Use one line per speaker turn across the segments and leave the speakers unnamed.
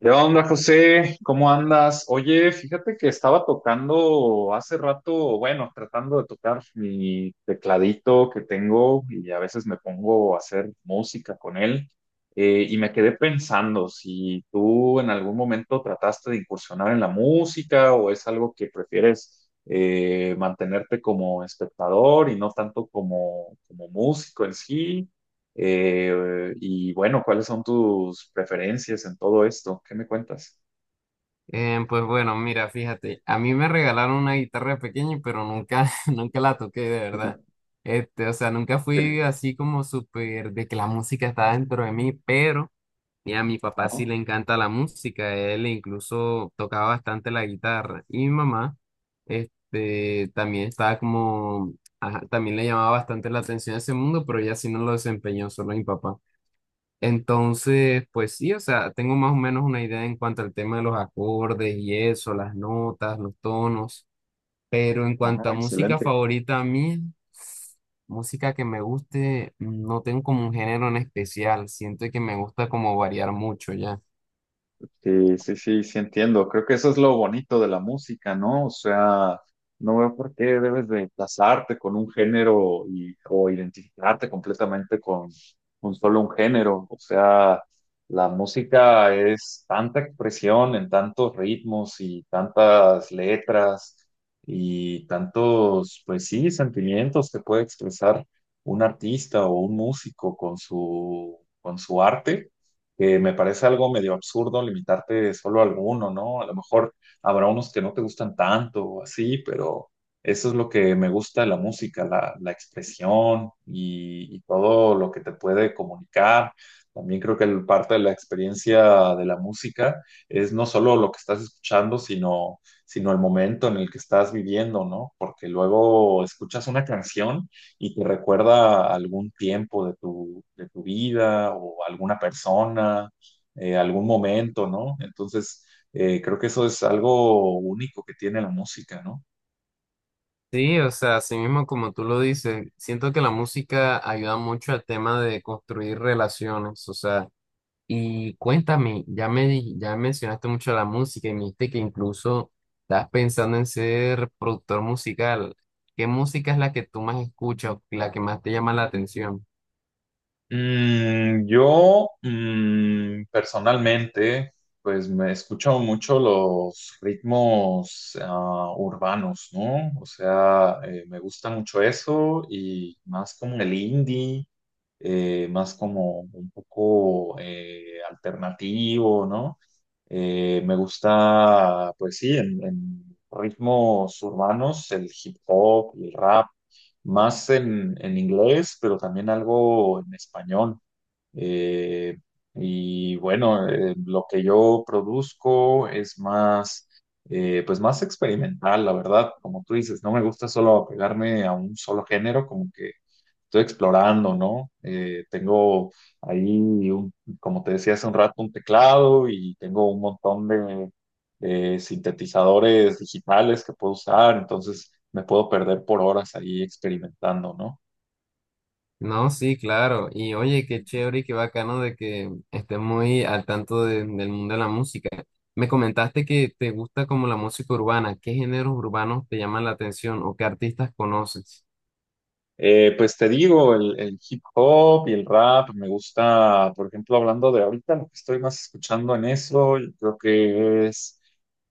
¿Qué onda, José? ¿Cómo andas? Oye, fíjate que estaba tocando hace rato, bueno, tratando de tocar mi tecladito que tengo y a veces me pongo a hacer música con él. Y me quedé pensando si tú en algún momento trataste de incursionar en la música o es algo que prefieres mantenerte como espectador y no tanto como, como músico en sí. Y bueno, ¿cuáles son tus preferencias en todo esto? ¿Qué me cuentas?
Pues bueno, mira, fíjate, a mí me regalaron una guitarra de pequeño, pero nunca, nunca la toqué de verdad. Este, o sea, nunca fui
Sí.
así como súper de que la música está dentro de mí, pero mira, a mi papá sí
Ajá,
le encanta la música, él incluso tocaba bastante la guitarra. Y mi mamá, este, también estaba como, ajá, también le llamaba bastante la atención ese mundo, pero ella sí no lo desempeñó, solo mi papá. Entonces, pues sí, o sea, tengo más o menos una idea en cuanto al tema de los acordes y eso, las notas, los tonos, pero en
ajá,
cuanto a música
excelente.
favorita a mí, música que me guste, no tengo como un género en especial, siento que me gusta como variar mucho ya.
Sí, sí, sí, sí entiendo. Creo que eso es lo bonito de la música, ¿no? O sea, no veo por qué debes de casarte con un género y, o identificarte completamente con solo un género. O sea, la música es tanta expresión en tantos ritmos y tantas letras y tantos, pues sí, sentimientos que puede expresar un artista o un músico con su arte, que me parece algo medio absurdo limitarte solo a alguno, ¿no? A lo mejor habrá unos que no te gustan tanto o así, pero eso es lo que me gusta de la música, la expresión y todo lo que te puede comunicar. También creo que parte de la experiencia de la música es no solo lo que estás escuchando, sino, sino el momento en el que estás viviendo, ¿no? Porque luego escuchas una canción y te recuerda algún tiempo de tu vida o alguna persona, algún momento, ¿no? Entonces, creo que eso es algo único que tiene la música, ¿no?
Sí, o sea, así mismo como tú lo dices, siento que la música ayuda mucho al tema de construir relaciones, o sea, y cuéntame, ya mencionaste mucho la música y me dijiste que incluso estás pensando en ser productor musical. ¿Qué música es la que tú más escuchas, la que más te llama la atención?
Yo personalmente, pues me escucho mucho los ritmos urbanos, ¿no? O sea, me gusta mucho eso y más como el indie, más como un poco alternativo, ¿no? Me gusta, pues sí, en ritmos urbanos, el hip hop y el rap más en inglés, pero también algo en español. Eh, lo que yo produzco es más, pues más experimental, la verdad, como tú dices, no me gusta solo apegarme a un solo género, como que estoy explorando, ¿no? Tengo ahí, como te decía hace un rato, un teclado y tengo un montón de sintetizadores digitales que puedo usar, entonces me puedo perder por horas ahí experimentando, ¿no?
No, sí, claro. Y oye, qué chévere y qué bacano de que estés muy al tanto del mundo de la música. Me comentaste que te gusta como la música urbana. ¿Qué géneros urbanos te llaman la atención o qué artistas conoces?
Pues te digo, el hip hop y el rap me gusta, por ejemplo, hablando de ahorita, lo que estoy más escuchando en eso, yo creo que es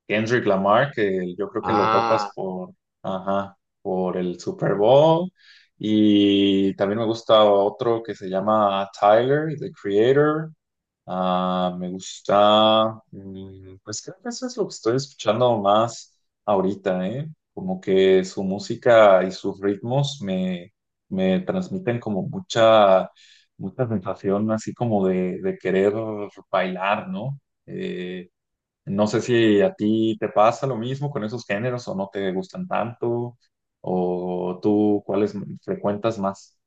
Kendrick Lamar, que yo creo que lo
Ah.
topas por, ajá, por el Super Bowl. Y también me gusta otro que se llama Tyler, The Creator. Ah, me gusta, pues creo que eso es lo que estoy escuchando más ahorita, ¿eh? Como que su música y sus ritmos me, me transmiten como mucha, mucha sensación así como de querer bailar, ¿no? Eh, no sé si a ti te pasa lo mismo con esos géneros o no te gustan tanto, o tú cuáles frecuentas más.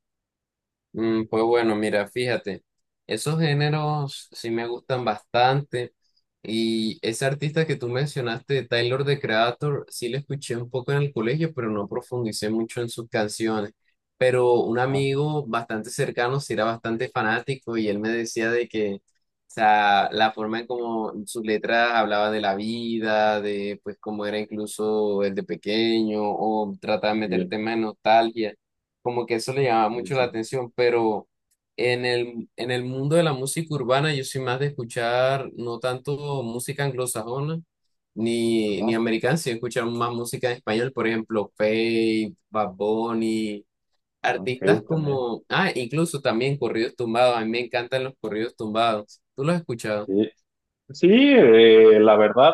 Pues bueno, mira, fíjate, esos géneros sí me gustan bastante y ese artista que tú mencionaste, Tyler, The Creator, sí le escuché un poco en el colegio, pero no profundicé mucho en sus canciones. Pero un
Ah,
amigo bastante cercano sí era bastante fanático y él me decía de que, o sea, la forma en cómo sus letras hablaba de la vida, de pues cómo era incluso el de pequeño o trataba de meter
sí,
temas de nostalgia como que eso le llamaba
sí,
mucho
sí.
la atención, pero en el mundo de la música urbana yo soy más de escuchar no tanto música anglosajona ni
Ah,
americana, sino escuchar más música en español, por ejemplo, Faith, Bad Bunny, artistas
ok, también.
como, ah, incluso también corridos tumbados, a mí me encantan los corridos tumbados. ¿Tú los has escuchado?
Sí, sí, la verdad,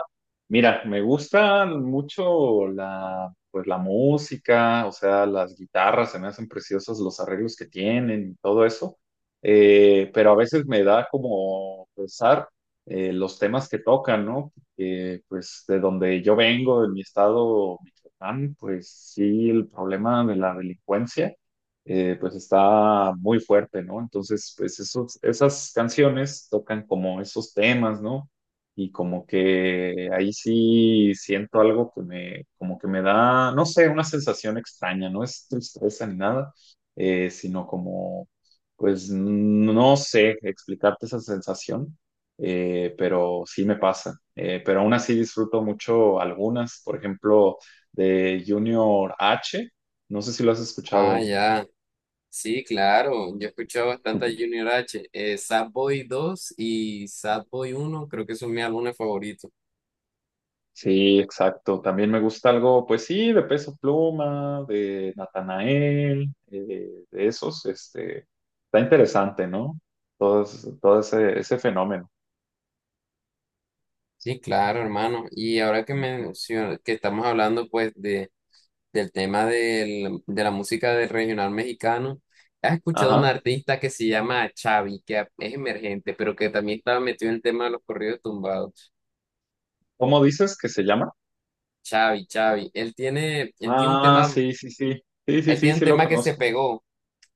mira, me gustan mucho la, pues la música, o sea, las guitarras, se me hacen preciosos los arreglos que tienen y todo eso. Pero a veces me da como pensar los temas que tocan, ¿no? Pues de donde yo vengo, de mi estado, Michoacán, pues sí, el problema de la delincuencia pues está muy fuerte, ¿no? Entonces, pues esos, esas canciones tocan como esos temas, ¿no? Y como que ahí sí siento algo que me, como que me da, no sé, una sensación extraña, no es tristeza ni nada, sino como, pues no sé explicarte esa sensación, pero sí me pasa. Pero aún así disfruto mucho algunas, por ejemplo, de Junior H, no sé si lo has escuchado
Ah,
él.
ya. Sí, claro, yo he escuchado bastante a Junior H, Sad Boy 2 y Sad Boy 1 creo que son mis álbumes favoritos.
Sí, exacto. También me gusta algo, pues sí, de Peso Pluma, de Natanael, de esos, este, está interesante, ¿no? Todo, todo ese, ese fenómeno.
Sí, claro, hermano. Y
Ujú.
que estamos hablando pues de, de la música del regional mexicano, ¿has escuchado un
Ajá.
artista que se llama Chavi, es emergente, pero que también estaba metido en el tema de los corridos tumbados?
¿Cómo dices que se llama?
Chavi, Chavi. Él tiene un
Ah,
tema,
sí, sí, sí. Sí, sí,
él
sí,
tiene un
sí lo
tema que se
conozco.
pegó.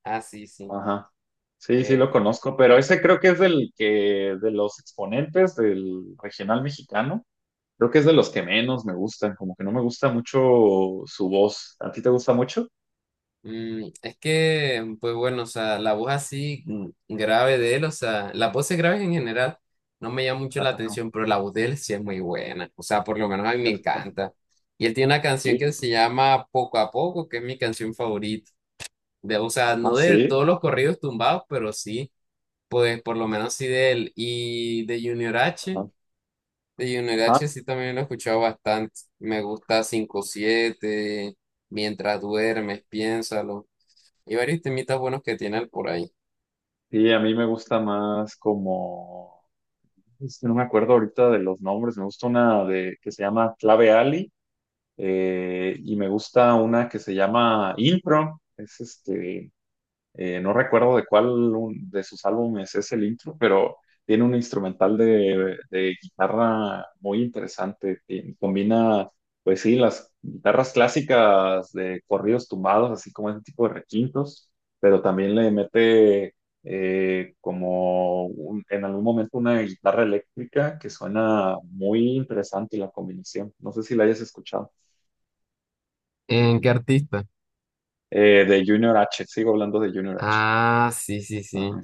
Ah, sí, sí.
Ajá. Sí, sí
Eh,
lo conozco, pero ese creo que es del que, de los exponentes del regional mexicano. Creo que es de los que menos me gustan, como que no me gusta mucho su voz. ¿A ti te gusta mucho?
Es que, pues bueno, o sea, la voz así grave de él, o sea, las voces graves en general no me llama mucho la
Ajá.
atención, pero la voz de él sí es muy buena, o sea, por lo menos a mí me encanta. Y él tiene una canción que
Sí,
se llama Poco a Poco, que es mi canción favorita, de, o sea,
ah,
no de todos
sí,
los corridos tumbados, pero sí, pues por lo menos sí de él. Y
ajá,
de Junior H
ajá.
sí también lo he escuchado bastante, me gusta 5/7. Mientras duermes, piénsalo. Y varios temitas buenos que tiene él por ahí.
Sí, a mí me gusta más como, es que no me acuerdo ahorita de los nombres, me gusta una de que se llama Clave Ali, y me gusta una que se llama Impro, es este, no recuerdo de cuál de sus álbumes es el intro, pero tiene un instrumental de guitarra muy interesante, que combina, pues sí, las guitarras clásicas de corridos tumbados, así como ese tipo de requintos, pero también le mete como en algún momento una guitarra eléctrica que suena muy interesante la combinación. No sé si la hayas escuchado.
¿En qué artista?
De Junior H, sigo hablando de Junior H.
Ah, sí, sí, sí,
Ajá.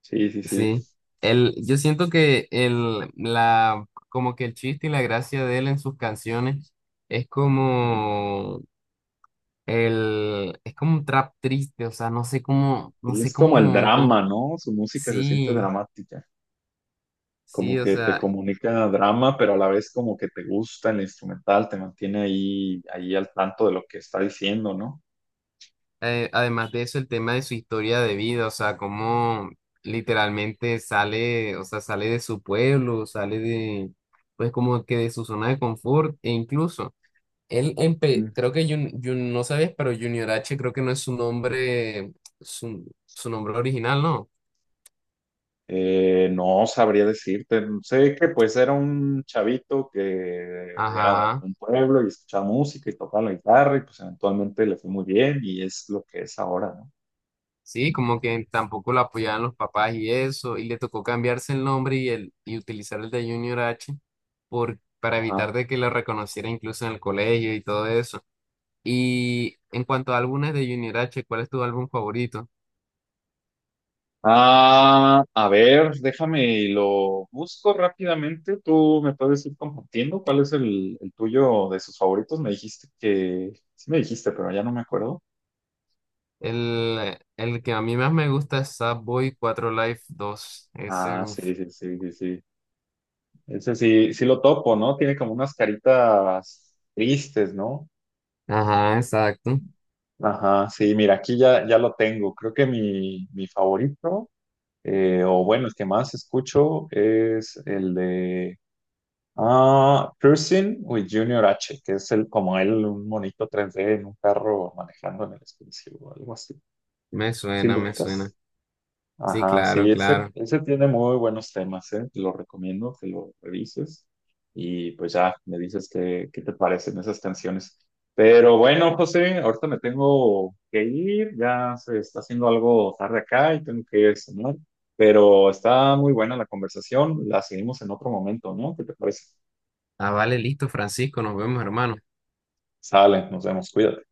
Sí, sí, sí.
sí. Yo siento que como que el chiste y la gracia de él en sus canciones es
Ujú.
como es como un trap triste, o sea, no sé cómo, no
Sí,
sé
es como el
cómo, cómo,
drama, ¿no? Su música se siente
sí,
dramática, como
sí, o
que te
sea,
comunica drama, pero a la vez como que te gusta el instrumental, te mantiene ahí, ahí al tanto de lo que está diciendo, ¿no?
eh, además de eso, el tema de su historia de vida, o sea, cómo literalmente sale, o sea, sale de, pues como que de su zona de confort, e incluso, él, empe-
Mm.
creo que, Jun- Jun- no sabes, pero Junior H creo que no es su nombre, su, su nombre original, ¿no?
No sabría decirte, sé que pues era un chavito que era de
Ajá,
algún pueblo y escuchaba música y tocaba la guitarra y pues eventualmente le fue muy bien y es lo que es ahora, ¿no?
sí, como que tampoco lo apoyaban los papás y eso, y le tocó cambiarse el nombre y utilizar el de Junior H por, para evitar
Ajá.
de que lo reconociera incluso en el colegio y todo eso. Y en cuanto a álbumes de Junior H, ¿cuál es tu álbum favorito?
Ah, a ver, déjame y lo busco rápidamente. Tú me puedes ir compartiendo cuál es el tuyo de sus favoritos. Me dijiste que, sí me dijiste, pero ya no me acuerdo.
El que a mí más me gusta es Sad Boy 4 Life 2. Ese,
Ah,
uff.
sí, sí, sí, sí, sí. Ese sí, sí lo topo, ¿no? Tiene como unas caritas tristes, ¿no?
Ajá, exacto.
Ajá, sí, mira, aquí ya, ya lo tengo. Creo que mi favorito, o bueno, el que más escucho es el de Ah, Cruising with Junior H, que es el, como él, un monito 3D en un carro manejando en el espacio o algo así.
Me
¿Sí
suena,
lo
me suena.
ubicas?
Sí,
Ajá, sí,
claro,
ese,
claro.
ese tiene muy buenos temas, ¿eh? Te lo recomiendo que lo revises y pues ya me dices qué, qué te parecen esas canciones. Pero bueno, José, ahorita me tengo que ir, ya se está haciendo algo tarde acá y tengo que ir a cenar, pero está muy buena la conversación, la seguimos en otro momento, ¿no? ¿Qué te parece?
Ah, vale, listo, Francisco. Nos vemos, hermano.
Sale, nos vemos, cuídate.